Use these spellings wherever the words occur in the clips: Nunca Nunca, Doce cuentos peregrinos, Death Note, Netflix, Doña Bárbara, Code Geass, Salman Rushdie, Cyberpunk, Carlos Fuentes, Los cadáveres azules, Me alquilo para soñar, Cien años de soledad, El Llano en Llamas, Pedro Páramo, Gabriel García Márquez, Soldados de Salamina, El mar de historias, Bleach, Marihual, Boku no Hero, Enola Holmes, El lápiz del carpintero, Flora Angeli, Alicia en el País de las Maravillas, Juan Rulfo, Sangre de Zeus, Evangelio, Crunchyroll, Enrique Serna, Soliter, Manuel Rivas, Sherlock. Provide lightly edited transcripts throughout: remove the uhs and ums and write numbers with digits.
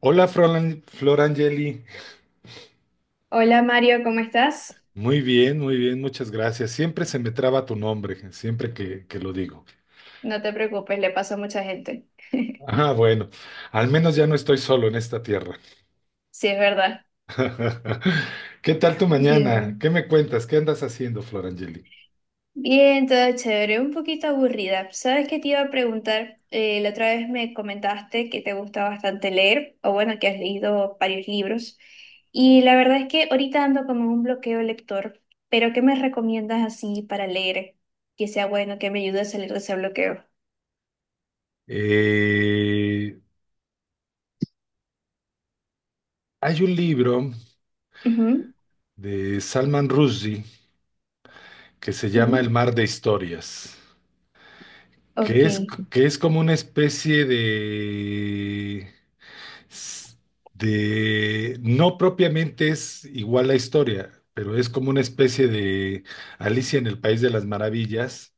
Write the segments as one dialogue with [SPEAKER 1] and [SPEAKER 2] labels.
[SPEAKER 1] Hola, Flor Angeli.
[SPEAKER 2] Hola Mario, ¿cómo estás?
[SPEAKER 1] Muy bien, muchas gracias. Siempre se me traba tu nombre, siempre que lo digo.
[SPEAKER 2] No te preocupes, le pasó a mucha gente.
[SPEAKER 1] Ah, bueno, al menos ya no estoy solo en esta tierra.
[SPEAKER 2] Sí, es verdad.
[SPEAKER 1] ¿Qué tal tu mañana?
[SPEAKER 2] Dime.
[SPEAKER 1] ¿Qué me cuentas? ¿Qué andas haciendo, Flor Angeli?
[SPEAKER 2] Bien, todo chévere, un poquito aburrida. ¿Sabes qué te iba a preguntar? La otra vez me comentaste que te gusta bastante leer, o bueno, que has leído varios libros. Y la verdad es que ahorita ando como un bloqueo lector, pero ¿qué me recomiendas así para leer? Que sea bueno, que me ayude a salir de ese bloqueo.
[SPEAKER 1] Eh, Hay un libro
[SPEAKER 2] Ujú.
[SPEAKER 1] de Salman Rushdie que se llama El
[SPEAKER 2] Sí.
[SPEAKER 1] mar de historias, que
[SPEAKER 2] Ok.
[SPEAKER 1] es, que es como una especie de no propiamente es igual la historia, pero es como una especie de Alicia en el País de las Maravillas.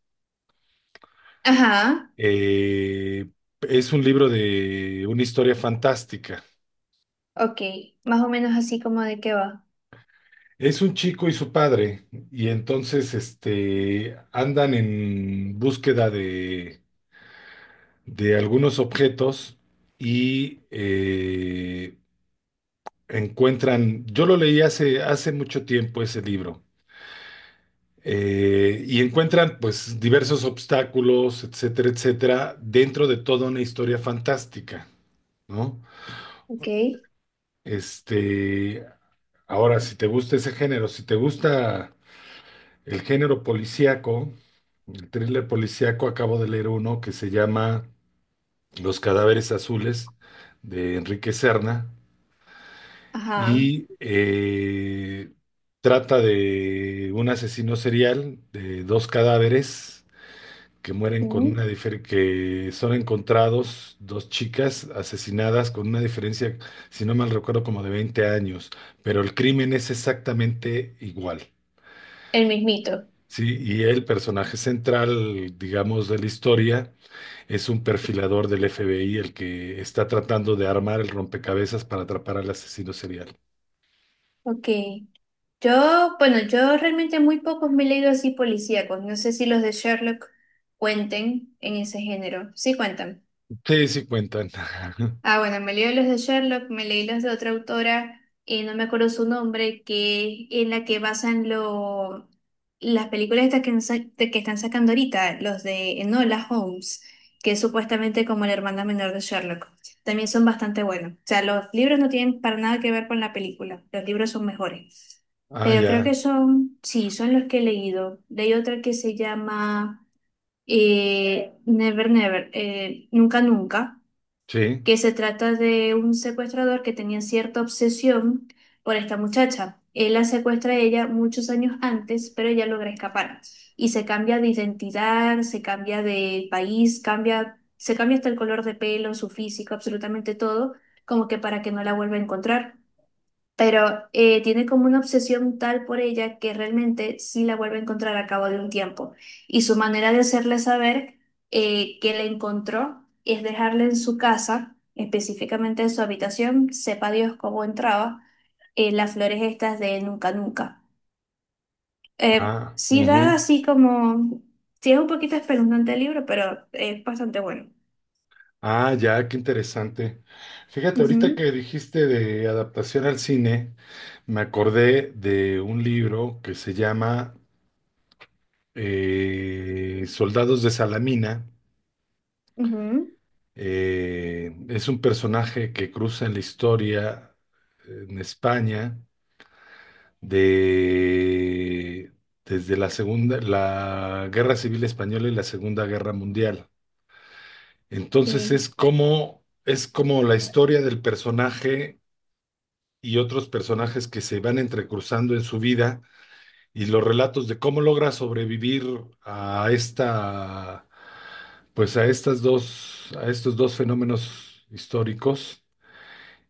[SPEAKER 2] Ajá,
[SPEAKER 1] Eh, es un libro de una historia fantástica.
[SPEAKER 2] ok. Más o menos así, ¿como de qué va?
[SPEAKER 1] Es un chico y su padre, y entonces este, andan en búsqueda de algunos objetos y encuentran, yo lo leí hace mucho tiempo ese libro, y encuentran pues diversos obstáculos, etcétera, etcétera, dentro de toda una historia fantástica, ¿no?
[SPEAKER 2] Ok,
[SPEAKER 1] Este, ahora, si te gusta ese género, si te gusta el género policíaco, el thriller policíaco, acabo de leer uno que se llama Los cadáveres azules de Enrique Serna
[SPEAKER 2] ajá,
[SPEAKER 1] y trata de un asesino serial de dos cadáveres que mueren con
[SPEAKER 2] mm.
[SPEAKER 1] una diferencia, que son encontrados dos chicas asesinadas con una diferencia, si no mal recuerdo, como de 20 años, pero el crimen es exactamente igual.
[SPEAKER 2] El mismito.
[SPEAKER 1] Sí, y el personaje central, digamos, de la historia es un perfilador del FBI, el que está tratando de armar el rompecabezas para atrapar al asesino serial.
[SPEAKER 2] Ok. Yo, bueno, yo realmente muy pocos me he leído, así policíacos. No sé si los de Sherlock cuenten en ese género. Sí cuentan.
[SPEAKER 1] Sí, sí cuentan.
[SPEAKER 2] Ah, bueno, me leí los de Sherlock, me leí los de otra autora, no me acuerdo su nombre, que en la que basan las películas estas que están sacando ahorita, los de Enola Holmes, que es supuestamente como la hermana menor de Sherlock. También son bastante buenos. O sea, los libros no tienen para nada que ver con la película, los libros son mejores.
[SPEAKER 1] Ah,
[SPEAKER 2] Pero creo
[SPEAKER 1] ya.
[SPEAKER 2] que son, sí, son los que he leído. Leí otra que se llama Never Never, Nunca Nunca,
[SPEAKER 1] Sí.
[SPEAKER 2] que se trata de un secuestrador que tenía cierta obsesión por esta muchacha. Él la secuestra a ella muchos años antes, pero ella logra escapar y se cambia de identidad, se cambia de país, se cambia hasta el color de pelo, su físico, absolutamente todo, como que para que no la vuelva a encontrar. Pero tiene como una obsesión tal por ella que realmente sí la vuelve a encontrar a cabo de un tiempo. Y su manera de hacerle saber que la encontró es dejarle en su casa, específicamente en su habitación, sepa Dios cómo entraba, las flores estas de Nunca Nunca.
[SPEAKER 1] Ah,
[SPEAKER 2] Sí da
[SPEAKER 1] ujú.
[SPEAKER 2] así como, sí es un poquito espeluznante el libro, pero es bastante bueno.
[SPEAKER 1] Ah, ya, qué interesante. Fíjate, ahorita
[SPEAKER 2] Ujú,
[SPEAKER 1] que dijiste de adaptación al cine, me acordé de un libro que se llama Soldados de Salamina.
[SPEAKER 2] ujú.
[SPEAKER 1] Es un personaje que cruza en la historia en España de, desde la segunda, la Guerra Civil Española y la Segunda Guerra Mundial. Entonces
[SPEAKER 2] Y,
[SPEAKER 1] es es como la historia del personaje y otros personajes que se van entrecruzando en su vida y los relatos de cómo logra sobrevivir a pues a estas a estos dos fenómenos históricos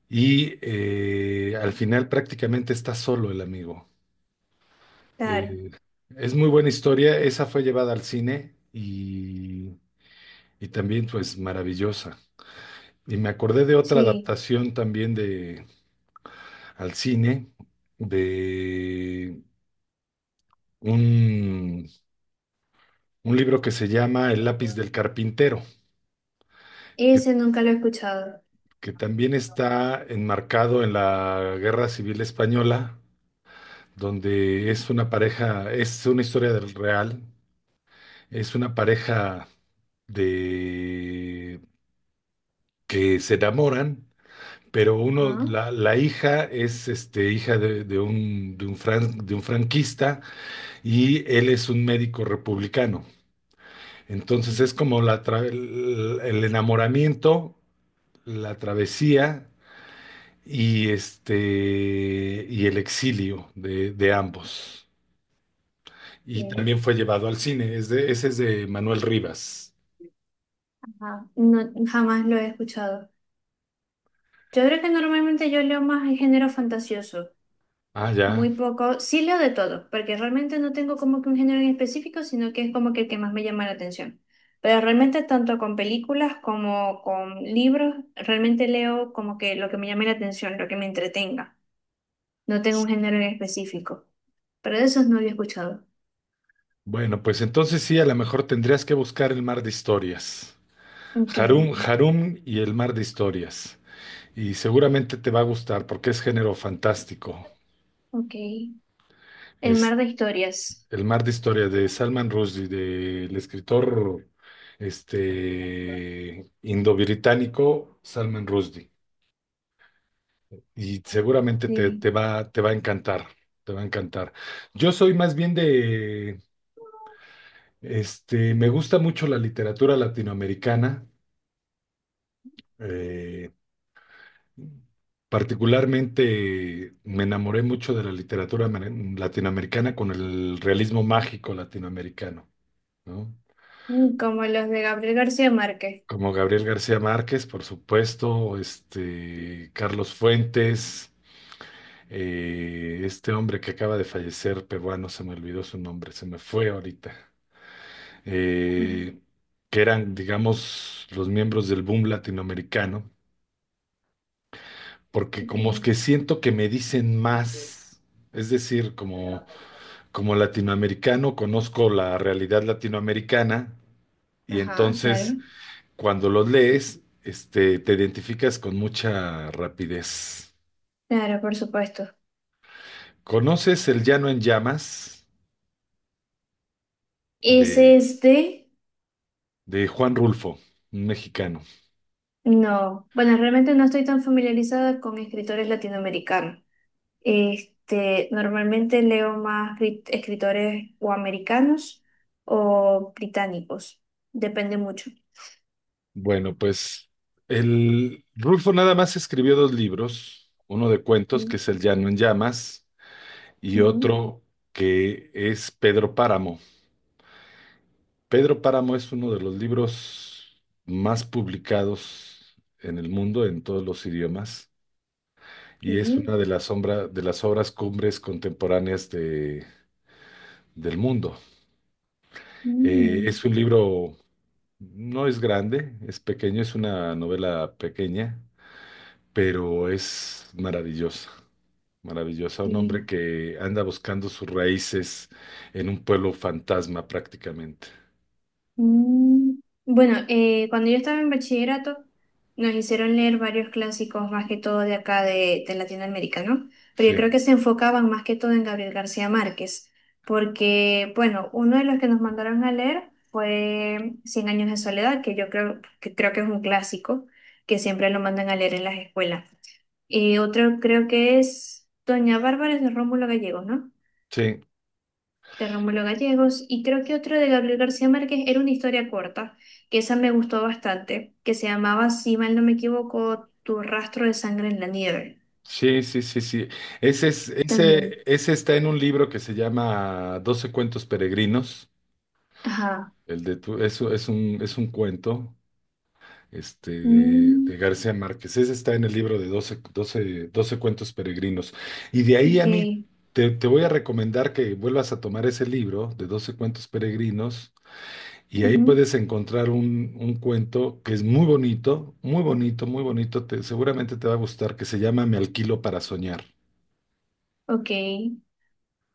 [SPEAKER 1] y al final prácticamente está solo el amigo.
[SPEAKER 2] claro,
[SPEAKER 1] Eh, es muy buena historia, esa fue llevada al cine y también pues maravillosa. Y me acordé de otra
[SPEAKER 2] sí,
[SPEAKER 1] adaptación también de al cine de un un libro que se llama El lápiz del carpintero, que,
[SPEAKER 2] ese nunca lo he escuchado.
[SPEAKER 1] que también está enmarcado en la Guerra Civil Española, donde es una pareja, es una historia del real, es una pareja de que se enamoran, pero
[SPEAKER 2] Ajá.
[SPEAKER 1] uno, la hija es este, hija de un, de un de un franquista y él es un médico republicano. Entonces es como la el enamoramiento, la travesía y este y El exilio de ambos. Y
[SPEAKER 2] Ok,
[SPEAKER 1] también fue llevado al cine. Ese es de Manuel Rivas.
[SPEAKER 2] ajá. No, jamás lo he escuchado. Yo creo que normalmente yo leo más el género fantasioso,
[SPEAKER 1] Ah, ya.
[SPEAKER 2] muy poco, sí leo de todo, porque realmente no tengo como que un género en específico, sino que es como que el que más me llama la atención. Pero realmente tanto con películas como con libros, realmente leo como que lo que me llame la atención, lo que me entretenga. No tengo un género en específico, pero de esos no había escuchado.
[SPEAKER 1] Bueno, pues entonces sí, a lo mejor tendrías que buscar el mar de historias.
[SPEAKER 2] Ok,
[SPEAKER 1] Harum y el mar de historias. Y seguramente te va a gustar porque es género fantástico.
[SPEAKER 2] ok. El mar
[SPEAKER 1] Es
[SPEAKER 2] de historias,
[SPEAKER 1] el mar de historias de Salman Rushdie, del escritor este, indo-británico Salman Rushdie. Y seguramente
[SPEAKER 2] sí.
[SPEAKER 1] te va a encantar, te va a encantar. Yo soy más bien este, me gusta mucho la literatura latinoamericana. eh, particularmente me enamoré mucho de la literatura latinoamericana con el realismo mágico latinoamericano, ¿no?
[SPEAKER 2] Mm, como los de Gabriel García Márquez.
[SPEAKER 1] Como Gabriel García Márquez, por supuesto, este, Carlos Fuentes, este hombre que acaba de fallecer, peruano, se me olvidó su nombre, se me fue ahorita. eh, que eran, digamos, los miembros del boom latinoamericano, porque como es
[SPEAKER 2] Ok,
[SPEAKER 1] que siento que me dicen más, es decir, como, como latinoamericano conozco la realidad latinoamericana y
[SPEAKER 2] ajá,
[SPEAKER 1] entonces
[SPEAKER 2] claro,
[SPEAKER 1] cuando los lees, este, te identificas con mucha rapidez.
[SPEAKER 2] claro, por supuesto.
[SPEAKER 1] ¿Conoces El Llano en Llamas
[SPEAKER 2] ¿Es
[SPEAKER 1] de,
[SPEAKER 2] este?
[SPEAKER 1] de Juan Rulfo, un mexicano?
[SPEAKER 2] No, bueno, realmente no estoy tan familiarizada con escritores latinoamericanos. Este, normalmente leo más escritores o americanos o británicos, depende mucho.
[SPEAKER 1] Bueno, pues el Rulfo nada más escribió dos libros, uno de cuentos que
[SPEAKER 2] Sí,
[SPEAKER 1] es El Llano en Llamas y
[SPEAKER 2] ujú,
[SPEAKER 1] otro que es Pedro Páramo. Pedro Páramo es uno de los libros más publicados en el mundo en todos los idiomas y es
[SPEAKER 2] ok,
[SPEAKER 1] una de de las obras cumbres contemporáneas del mundo.
[SPEAKER 2] mm,
[SPEAKER 1] Es un libro, no es grande, es pequeño, es una novela pequeña, pero es maravillosa. Maravillosa, un
[SPEAKER 2] sí.
[SPEAKER 1] hombre que anda buscando sus raíces en un pueblo fantasma prácticamente.
[SPEAKER 2] Mm. Bueno, cuando yo estaba en bachillerato, nos hicieron leer varios clásicos, más que todo de acá de Latinoamérica, ¿no? Pero yo
[SPEAKER 1] Sí,
[SPEAKER 2] creo que se enfocaban más que todo en Gabriel García Márquez, porque, bueno, uno de los que nos mandaron a leer fue Cien años de soledad, que yo creo que es un clásico, que siempre lo mandan a leer en las escuelas. Y otro creo que es Doña Bárbara de Rómulo Gallegos, ¿no?
[SPEAKER 1] sí,
[SPEAKER 2] De Rómulo Gallegos, y creo que otro de Gabriel García Márquez era una historia corta, que esa me gustó bastante, que se llamaba, si mal no me equivoco, Tu rastro de sangre en la nieve.
[SPEAKER 1] sí.
[SPEAKER 2] También.
[SPEAKER 1] Ese está en un libro que se llama Doce cuentos peregrinos.
[SPEAKER 2] Ajá.
[SPEAKER 1] El de tu, es un cuento este,
[SPEAKER 2] Mm,
[SPEAKER 1] de García Márquez. Ese está en el libro de Doce cuentos peregrinos. Y de ahí
[SPEAKER 2] ok.
[SPEAKER 1] a mí te voy a recomendar que vuelvas a tomar ese libro de Doce cuentos peregrinos y ahí
[SPEAKER 2] Ujú.
[SPEAKER 1] puedes encontrar un cuento que es muy bonito, muy bonito, muy bonito. Seguramente te va a gustar, que se llama Me alquilo para soñar.
[SPEAKER 2] Ok.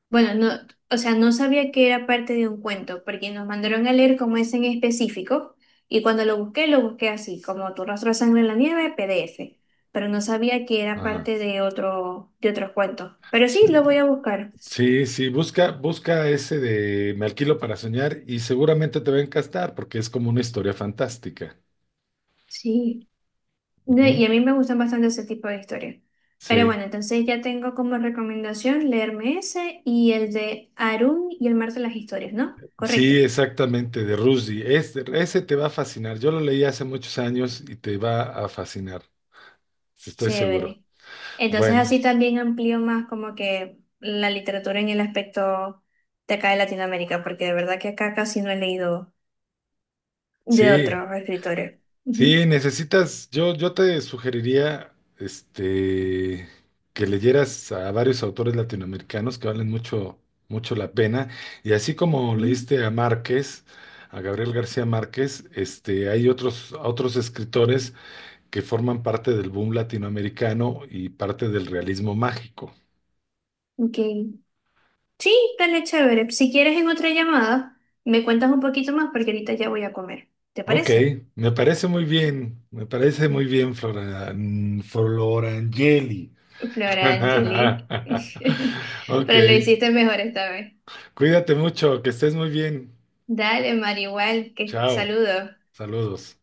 [SPEAKER 2] Bueno, no, o sea, no sabía que era parte de un cuento, porque nos mandaron a leer como ese en específico, y cuando lo busqué así, como Tu rastro de sangre en la nieve, PDF. Pero no sabía que era
[SPEAKER 1] Ajá.
[SPEAKER 2] parte de de otros cuentos. Pero sí,
[SPEAKER 1] Sí,
[SPEAKER 2] lo voy a buscar.
[SPEAKER 1] sí, sí, busca, busca ese de Me alquilo para soñar y seguramente te va a encastar porque es como una historia fantástica.
[SPEAKER 2] Sí. No,
[SPEAKER 1] Ujú.
[SPEAKER 2] y a mí me gustan bastante ese tipo de historias. Pero
[SPEAKER 1] Sí,
[SPEAKER 2] bueno, entonces ya tengo como recomendación leerme ese y el de Arun y el mar de las historias, ¿no? Correcto.
[SPEAKER 1] sí, exactamente, de Rushdie. Ese te va a fascinar. Yo lo leí hace muchos años y te va a fascinar, estoy seguro.
[SPEAKER 2] Chévere. Entonces
[SPEAKER 1] Bueno,
[SPEAKER 2] así también amplío más como que la literatura en el aspecto de acá de Latinoamérica, porque de verdad que acá casi no he leído de
[SPEAKER 1] sí.
[SPEAKER 2] otros escritores. Ujú.
[SPEAKER 1] Sí, necesitas, yo te sugeriría este, que leyeras a varios autores latinoamericanos que valen mucho, mucho la pena. Y así como
[SPEAKER 2] Ujú.
[SPEAKER 1] leíste a Márquez, a Gabriel García Márquez, este, hay otros escritores que forman parte del boom latinoamericano y parte del realismo mágico.
[SPEAKER 2] Ok. Sí, dale chévere. Si quieres en otra llamada, me cuentas un poquito más porque ahorita ya voy a comer. ¿Te
[SPEAKER 1] Ok,
[SPEAKER 2] parece?
[SPEAKER 1] me parece muy bien, me parece muy bien, Flora, Florangeli.
[SPEAKER 2] Flora Angeli.
[SPEAKER 1] Ok.
[SPEAKER 2] Pero lo hiciste mejor esta vez.
[SPEAKER 1] Cuídate mucho, que estés muy bien.
[SPEAKER 2] Dale, Marihual, que
[SPEAKER 1] Chao.
[SPEAKER 2] saludos.
[SPEAKER 1] Saludos.